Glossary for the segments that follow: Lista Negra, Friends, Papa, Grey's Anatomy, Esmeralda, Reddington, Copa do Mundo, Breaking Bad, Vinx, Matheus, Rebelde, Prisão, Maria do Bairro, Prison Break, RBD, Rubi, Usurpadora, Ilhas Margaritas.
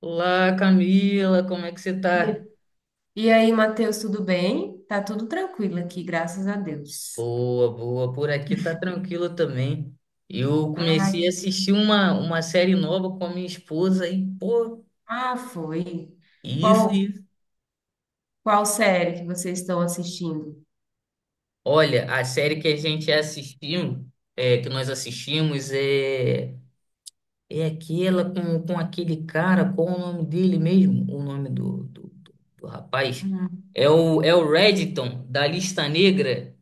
Olá, Camila, como é que você E tá? e aí, Matheus, tudo bem? Tá tudo tranquilo aqui, graças a Deus. Boa, boa, por aqui tá tranquilo também. Eu Ai, comecei a assistir uma série nova com a minha esposa e, pô, ah, foi. isso, Qual, isso. qual série que vocês estão assistindo? Olha, a série que a gente assistiu, é, que nós assistimos é aquela com aquele cara, qual o nome dele mesmo? O nome do rapaz? Uhum. É o Reddington da Lista Negra.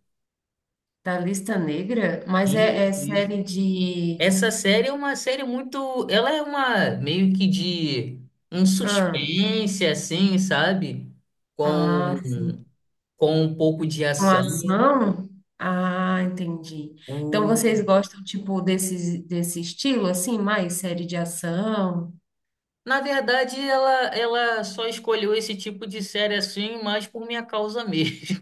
Da Lista Negra? Mas Isso, é isso. série de. Essa série é uma série muito. Ela é uma meio que de um Ah, suspense, assim, sabe? ah, Com, sim. com um pouco de Com ação. ação? Ah, entendi. Então O- vocês gostam, tipo, desse estilo, assim, mais série de ação? Na verdade, ela só escolheu esse tipo de série assim, mais por minha causa mesmo.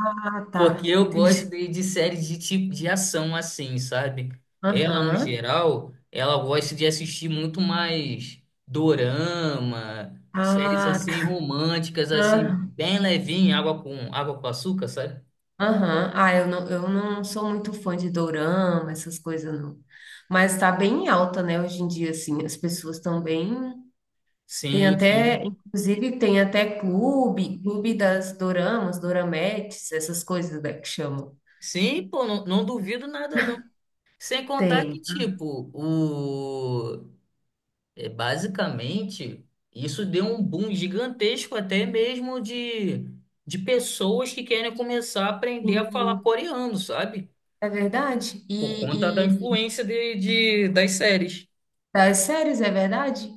Ah, tá. Porque eu gosto Entendi. de séries de tipo de ação assim, sabe? Ela, no Aham. geral, ela gosta de assistir muito mais dorama, séries Ah, assim tá. românticas, assim, Aham. bem levinha, água com açúcar, sabe? Aham. Ah, eu não sou muito fã de dorama, essas coisas não. Mas tá bem alta, né, hoje em dia, assim, as pessoas estão bem. Tem Sim, até, sim. inclusive, tem até clube das doramas, dorametes, essas coisas, né, que chamam. Sim, pô, não, não duvido nada, não. Sem contar que, Tem. tipo, o... É, basicamente, isso deu um boom gigantesco até mesmo de pessoas que querem começar a aprender a falar Sim, coreano, sabe? é verdade. Por conta da influência das séries. Das séries, é verdade?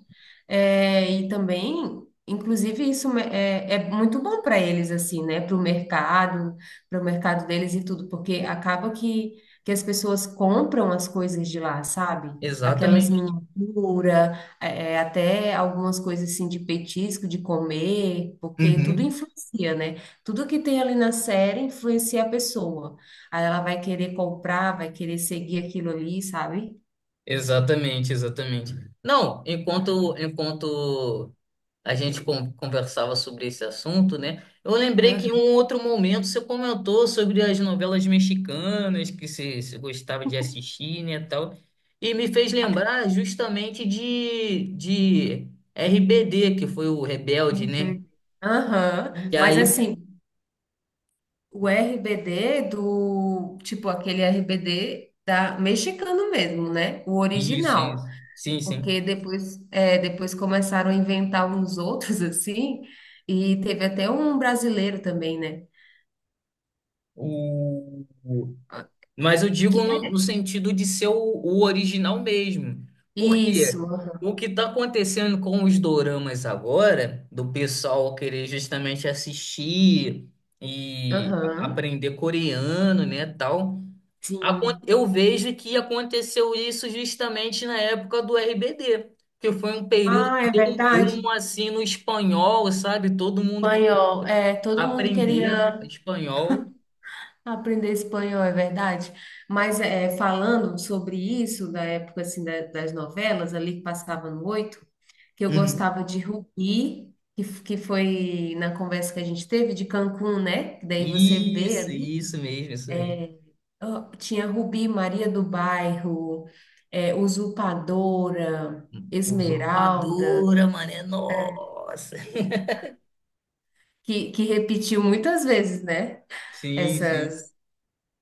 É, e também, inclusive, é muito bom para eles, assim, né? Para o mercado deles e tudo, porque acaba que as pessoas compram as coisas de lá, sabe? Aquelas Exatamente. miniaturas, até algumas coisas assim de petisco, de comer, porque tudo influencia, né? Tudo que tem ali na série influencia a pessoa. Aí ela vai querer comprar, vai querer seguir aquilo ali, sabe? Exatamente, exatamente. Não, enquanto a gente conversava sobre esse assunto, né? Eu lembrei que em um outro momento você comentou sobre as novelas mexicanas que você gostava de assistir, né, tal, e me fez lembrar justamente de RBD, que foi o Rebelde, né? Aham, E mas aí, assim, o RBD do, tipo, aquele RBD da mexicano mesmo, né? O isso, original. isso. Sim, sim. Porque depois, depois começaram a inventar uns outros assim, e teve até um brasileiro também, né? O... Ah, Mas eu Que, digo no é, sentido de ser o original mesmo. isso, Porque aham, o que está acontecendo com os doramas agora, do pessoal querer justamente assistir e aham, aprender coreano, né, tal, sim. eu vejo que aconteceu isso justamente na época do RBD, que foi um período Ah, que é deu um verdade. boom assim no espanhol, sabe? Todo mundo que Espanhol, todo mundo aprender queria. espanhol. Aprender espanhol, é verdade. Mas falando sobre isso, da época assim, das novelas ali que passava no oito, que eu Uhum. gostava de Rubi, que foi na conversa que a gente teve de Cancún, né? Que daí você vê Isso, ali, isso mesmo, isso mesmo. ó, tinha Rubi, Maria do Bairro, Usurpadora, Esmeralda, Usurpadora, mané. Nossa. que repetiu muitas vezes, né? Sim, sim.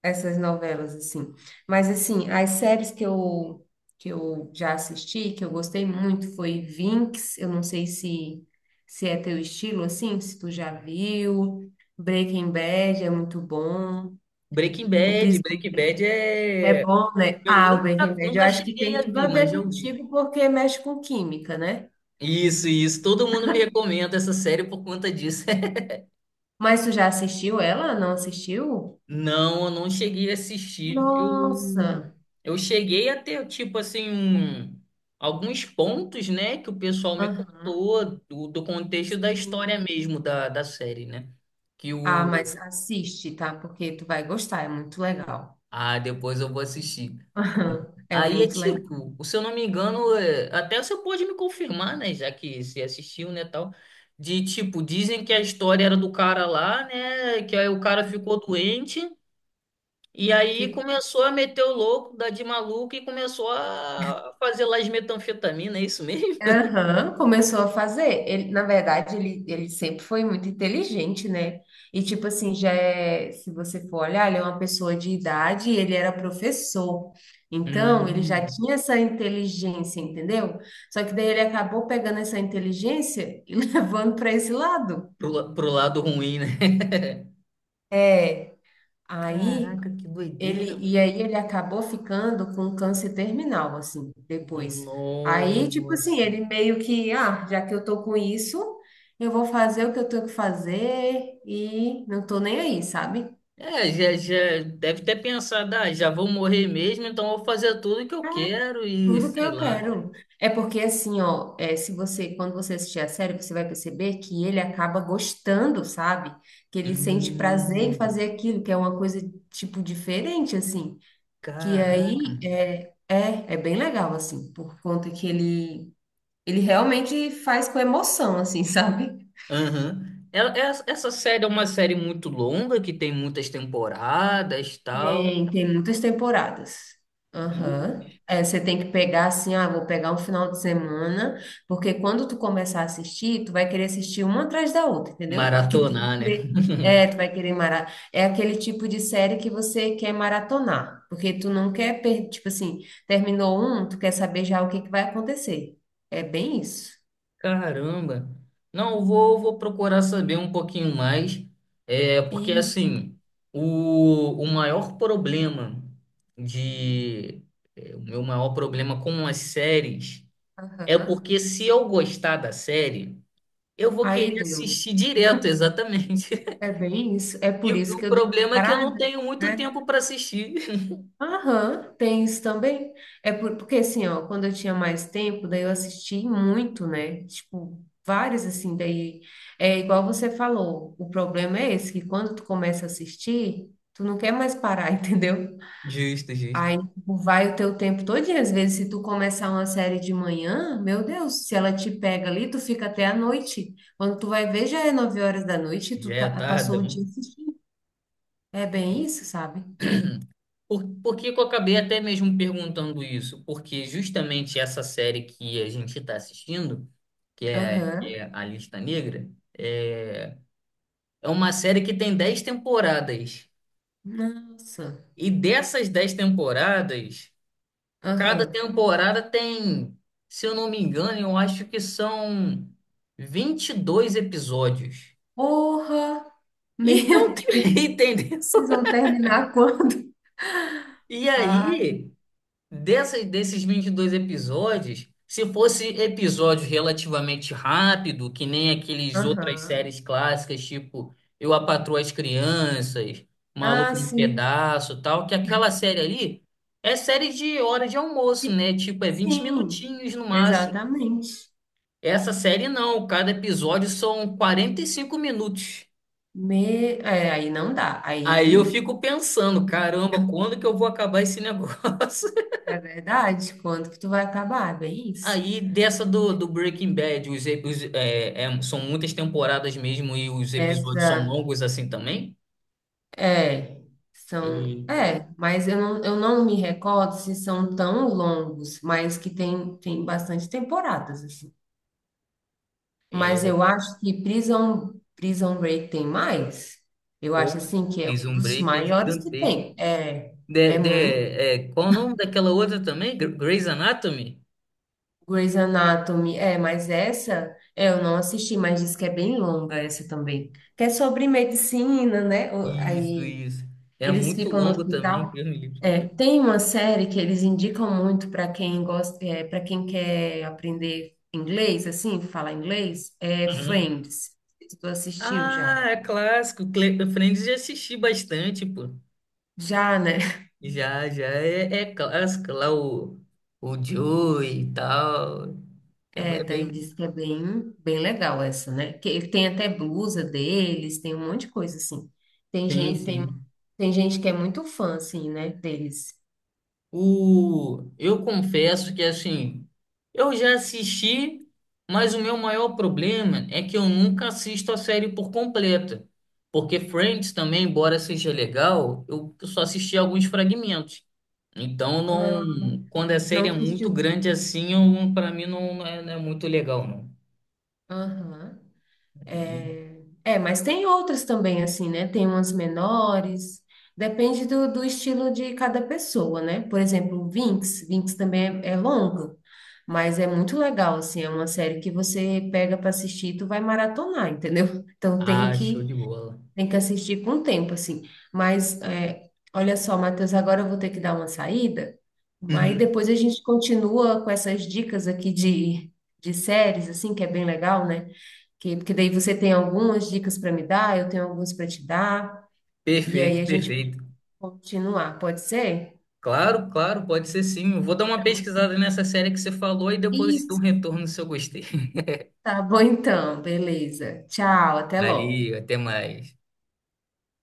Essas novelas, assim. Mas, assim, as séries que eu já assisti, que eu gostei muito, foi Vinx. Eu não sei se é teu estilo, assim, se tu já viu. Breaking Bad é muito bom, Breaking O Bad. Prisão Breaking Bad é é. bom, né? Eu Ah, o Breaking nunca, Bad, eu nunca acho que cheguei tem a tudo ver, a mas ver já ouvi. contigo, porque mexe com química, né? Isso, isso. Todo mundo me recomenda essa série por conta disso. Mas tu já assistiu ela? Não assistiu? Não, eu não cheguei a assistir. Eu, Nossa! eu cheguei a ter, tipo assim, um- alguns pontos, né, que o pessoal me Aham, contou do contexto da sim. história mesmo da série, né? Que Ah, o. mas assiste, tá? Porque tu vai gostar, é muito legal. Ah, depois eu vou assistir. Aham, é Aí é muito legal. tipo, se eu não me engano, é, até você pode me confirmar, né? Já que você assistiu, né, tal. De tipo, dizem que a história era do cara lá, né? Que aí o cara ficou doente e aí Fico... começou a meter o louco, dar de maluco e começou a fazer lá as metanfetamina, é isso mesmo? Aham, começou a fazer. Ele, na verdade, ele sempre foi muito inteligente, né? E tipo assim, já é, se você for olhar, ele é uma pessoa de idade e ele era professor. Então, ele já Hum, tinha essa inteligência, entendeu? Só que daí ele acabou pegando essa inteligência e levando para esse lado. Pro lado ruim, né? É, aí Caraca, que Ele, doideira, e aí ele acabou ficando com câncer terminal, assim, depois. mano. Aí, tipo assim, Nossa. ele meio que, ah, já que eu tô com isso, eu vou fazer o que eu tenho que fazer e não tô nem aí, sabe? É, já, já deve ter pensado, ah, já vou morrer mesmo, então eu vou fazer tudo o que eu quero e Tudo que sei eu lá. quero. É porque assim, ó, se você, quando você assistir a série, você vai perceber que ele acaba gostando, sabe? Que ele sente prazer em Hum, fazer aquilo, que é uma coisa, tipo, diferente, assim. Que caraca, aí, mano. é bem legal, assim, por conta que ele realmente faz com emoção, assim, sabe? Aham. Essa, essa série é uma série muito longa, que tem muitas temporadas e tal. Tem muitas temporadas. Aham. Ih, É, você tem que pegar assim, ah, vou pegar um final de semana, porque quando tu começar a assistir, tu vai querer assistir uma atrás da outra, entendeu? Porque tu vai maratonar, né? querer, tu vai querer . É aquele tipo de série que você quer maratonar, porque tu não quer perder, tipo assim, terminou um, tu quer saber já o que que vai acontecer. É bem isso. Caramba! Não, vou procurar saber um pouquinho mais, é, porque Isso. assim, o maior problema de, é, o meu maior problema com as séries é Aham. porque se eu gostar da série, eu vou Aí querer deu. assistir direto, exatamente. É bem isso. É E por o, isso o que eu dei uma problema é que eu não parada, tenho muito né? tempo para assistir. Aham, tem isso também. É porque assim, ó, quando eu tinha mais tempo, daí eu assisti muito, né? Tipo, várias assim, daí é igual você falou. O problema é esse, que quando tu começa a assistir, tu não quer mais parar, entendeu? Justo, justo. Aí tipo, vai o teu tempo todinho. Às vezes, se tu começar uma série de manhã, meu Deus, se ela te pega ali, tu fica até a noite. Quando tu vai ver, já é 9 horas da noite e Já é tarde. passou o dia. É bem isso, sabe? Por que que eu acabei até mesmo perguntando isso? Porque justamente essa série que a gente está assistindo, que Aham. é A Lista Negra, é, é uma série que tem dez temporadas. Nossa. E dessas 10 temporadas, cada Aham. temporada tem, se eu não me engano, eu acho que são 22 episódios. Porra! Meu Então, Deus, entendeu? vocês vão terminar quando? E Ah, aí. Desses 22 episódios, se fosse episódio relativamente rápido, que nem aqueles outras aham. séries clássicas, tipo Eu, a Patroa e as Crianças, Maluco Ah, no sim. Pedaço, e tal, que aquela série ali é série de hora de almoço, E- né? Tipo, é vinte Sim, minutinhos no máximo. exatamente. Essa série não, cada episódio são 45 minutos. Me... É, aí não dá. Aí eu Aí fico pensando, caramba, quando que eu vou acabar esse negócio? é verdade. Quando que tu vai acabar? É bem isso. Aí dessa do Breaking Bad, os, ep- os, é, é, são muitas temporadas mesmo e os episódios são Essa longos assim também? é. São, Eita, mas eu não me recordo se são tão longos, mas que tem bastante temporadas, assim. é, Mas eu acho que Prison Break tem mais. Eu acho pô, assim que é um Prison dos Break é maiores que gigantesco. tem. É, é muito. Qual o nome daquela outra também? Grey's Anatomy? Grey's Anatomy, mas essa é, eu não assisti, mas diz que é bem longa essa também. Que é sobre medicina, né? Isso, Aí isso. É eles muito ficam no longo também, hospital. Deus me livre. É, tem uma série que eles indicam muito para quem gosta, para quem quer aprender inglês, assim, falar inglês, é Uhum. Friends. Se tu assistiu já? Ah, é clássico. Friends já assisti bastante, pô. Já, né? Já, já é, é clássico lá o Joey e tal. É, É, é daí bem diz que é bem, bem legal essa, né? Que ele tem até blusa deles, tem um monte de coisa assim. Tem sim, gente, tem, sim. tem gente que é muito fã, assim, né, deles. O... Eu confesso que, assim, eu já assisti, mas o meu maior problema é que eu nunca assisto a série por completa. Porque Friends também, embora seja legal, eu só assisti alguns fragmentos. Então, Ah, não... quando a não série é muito assistiu tudo. grande assim, eu... para mim não é, não é muito legal, não. Aham. Aí- É, é, mas tem outras também, assim, né? Tem umas menores. Depende do estilo de cada pessoa, né? Por exemplo, o Vinx. Vinx também é longa, mas é muito legal, assim. É uma série que você pega para assistir e tu vai maratonar, entendeu? Então tem Ah, show que de bola. Tem que assistir com o tempo, assim. Mas, olha só, Matheus, agora eu vou ter que dar uma saída, mas Uhum. depois a gente continua com essas dicas aqui de séries, assim, que é bem legal, né? Porque daí você tem algumas dicas para me dar, eu tenho algumas para te dar, e aí Perfeito, a gente perfeito. continuar, pode ser? Claro, claro, pode ser sim. Eu vou dar uma pesquisada nessa série que você falou e depois eu te dou um Isso, retorno se eu gostei. tá bom então, beleza. Tchau, até logo. Valeu, até mais.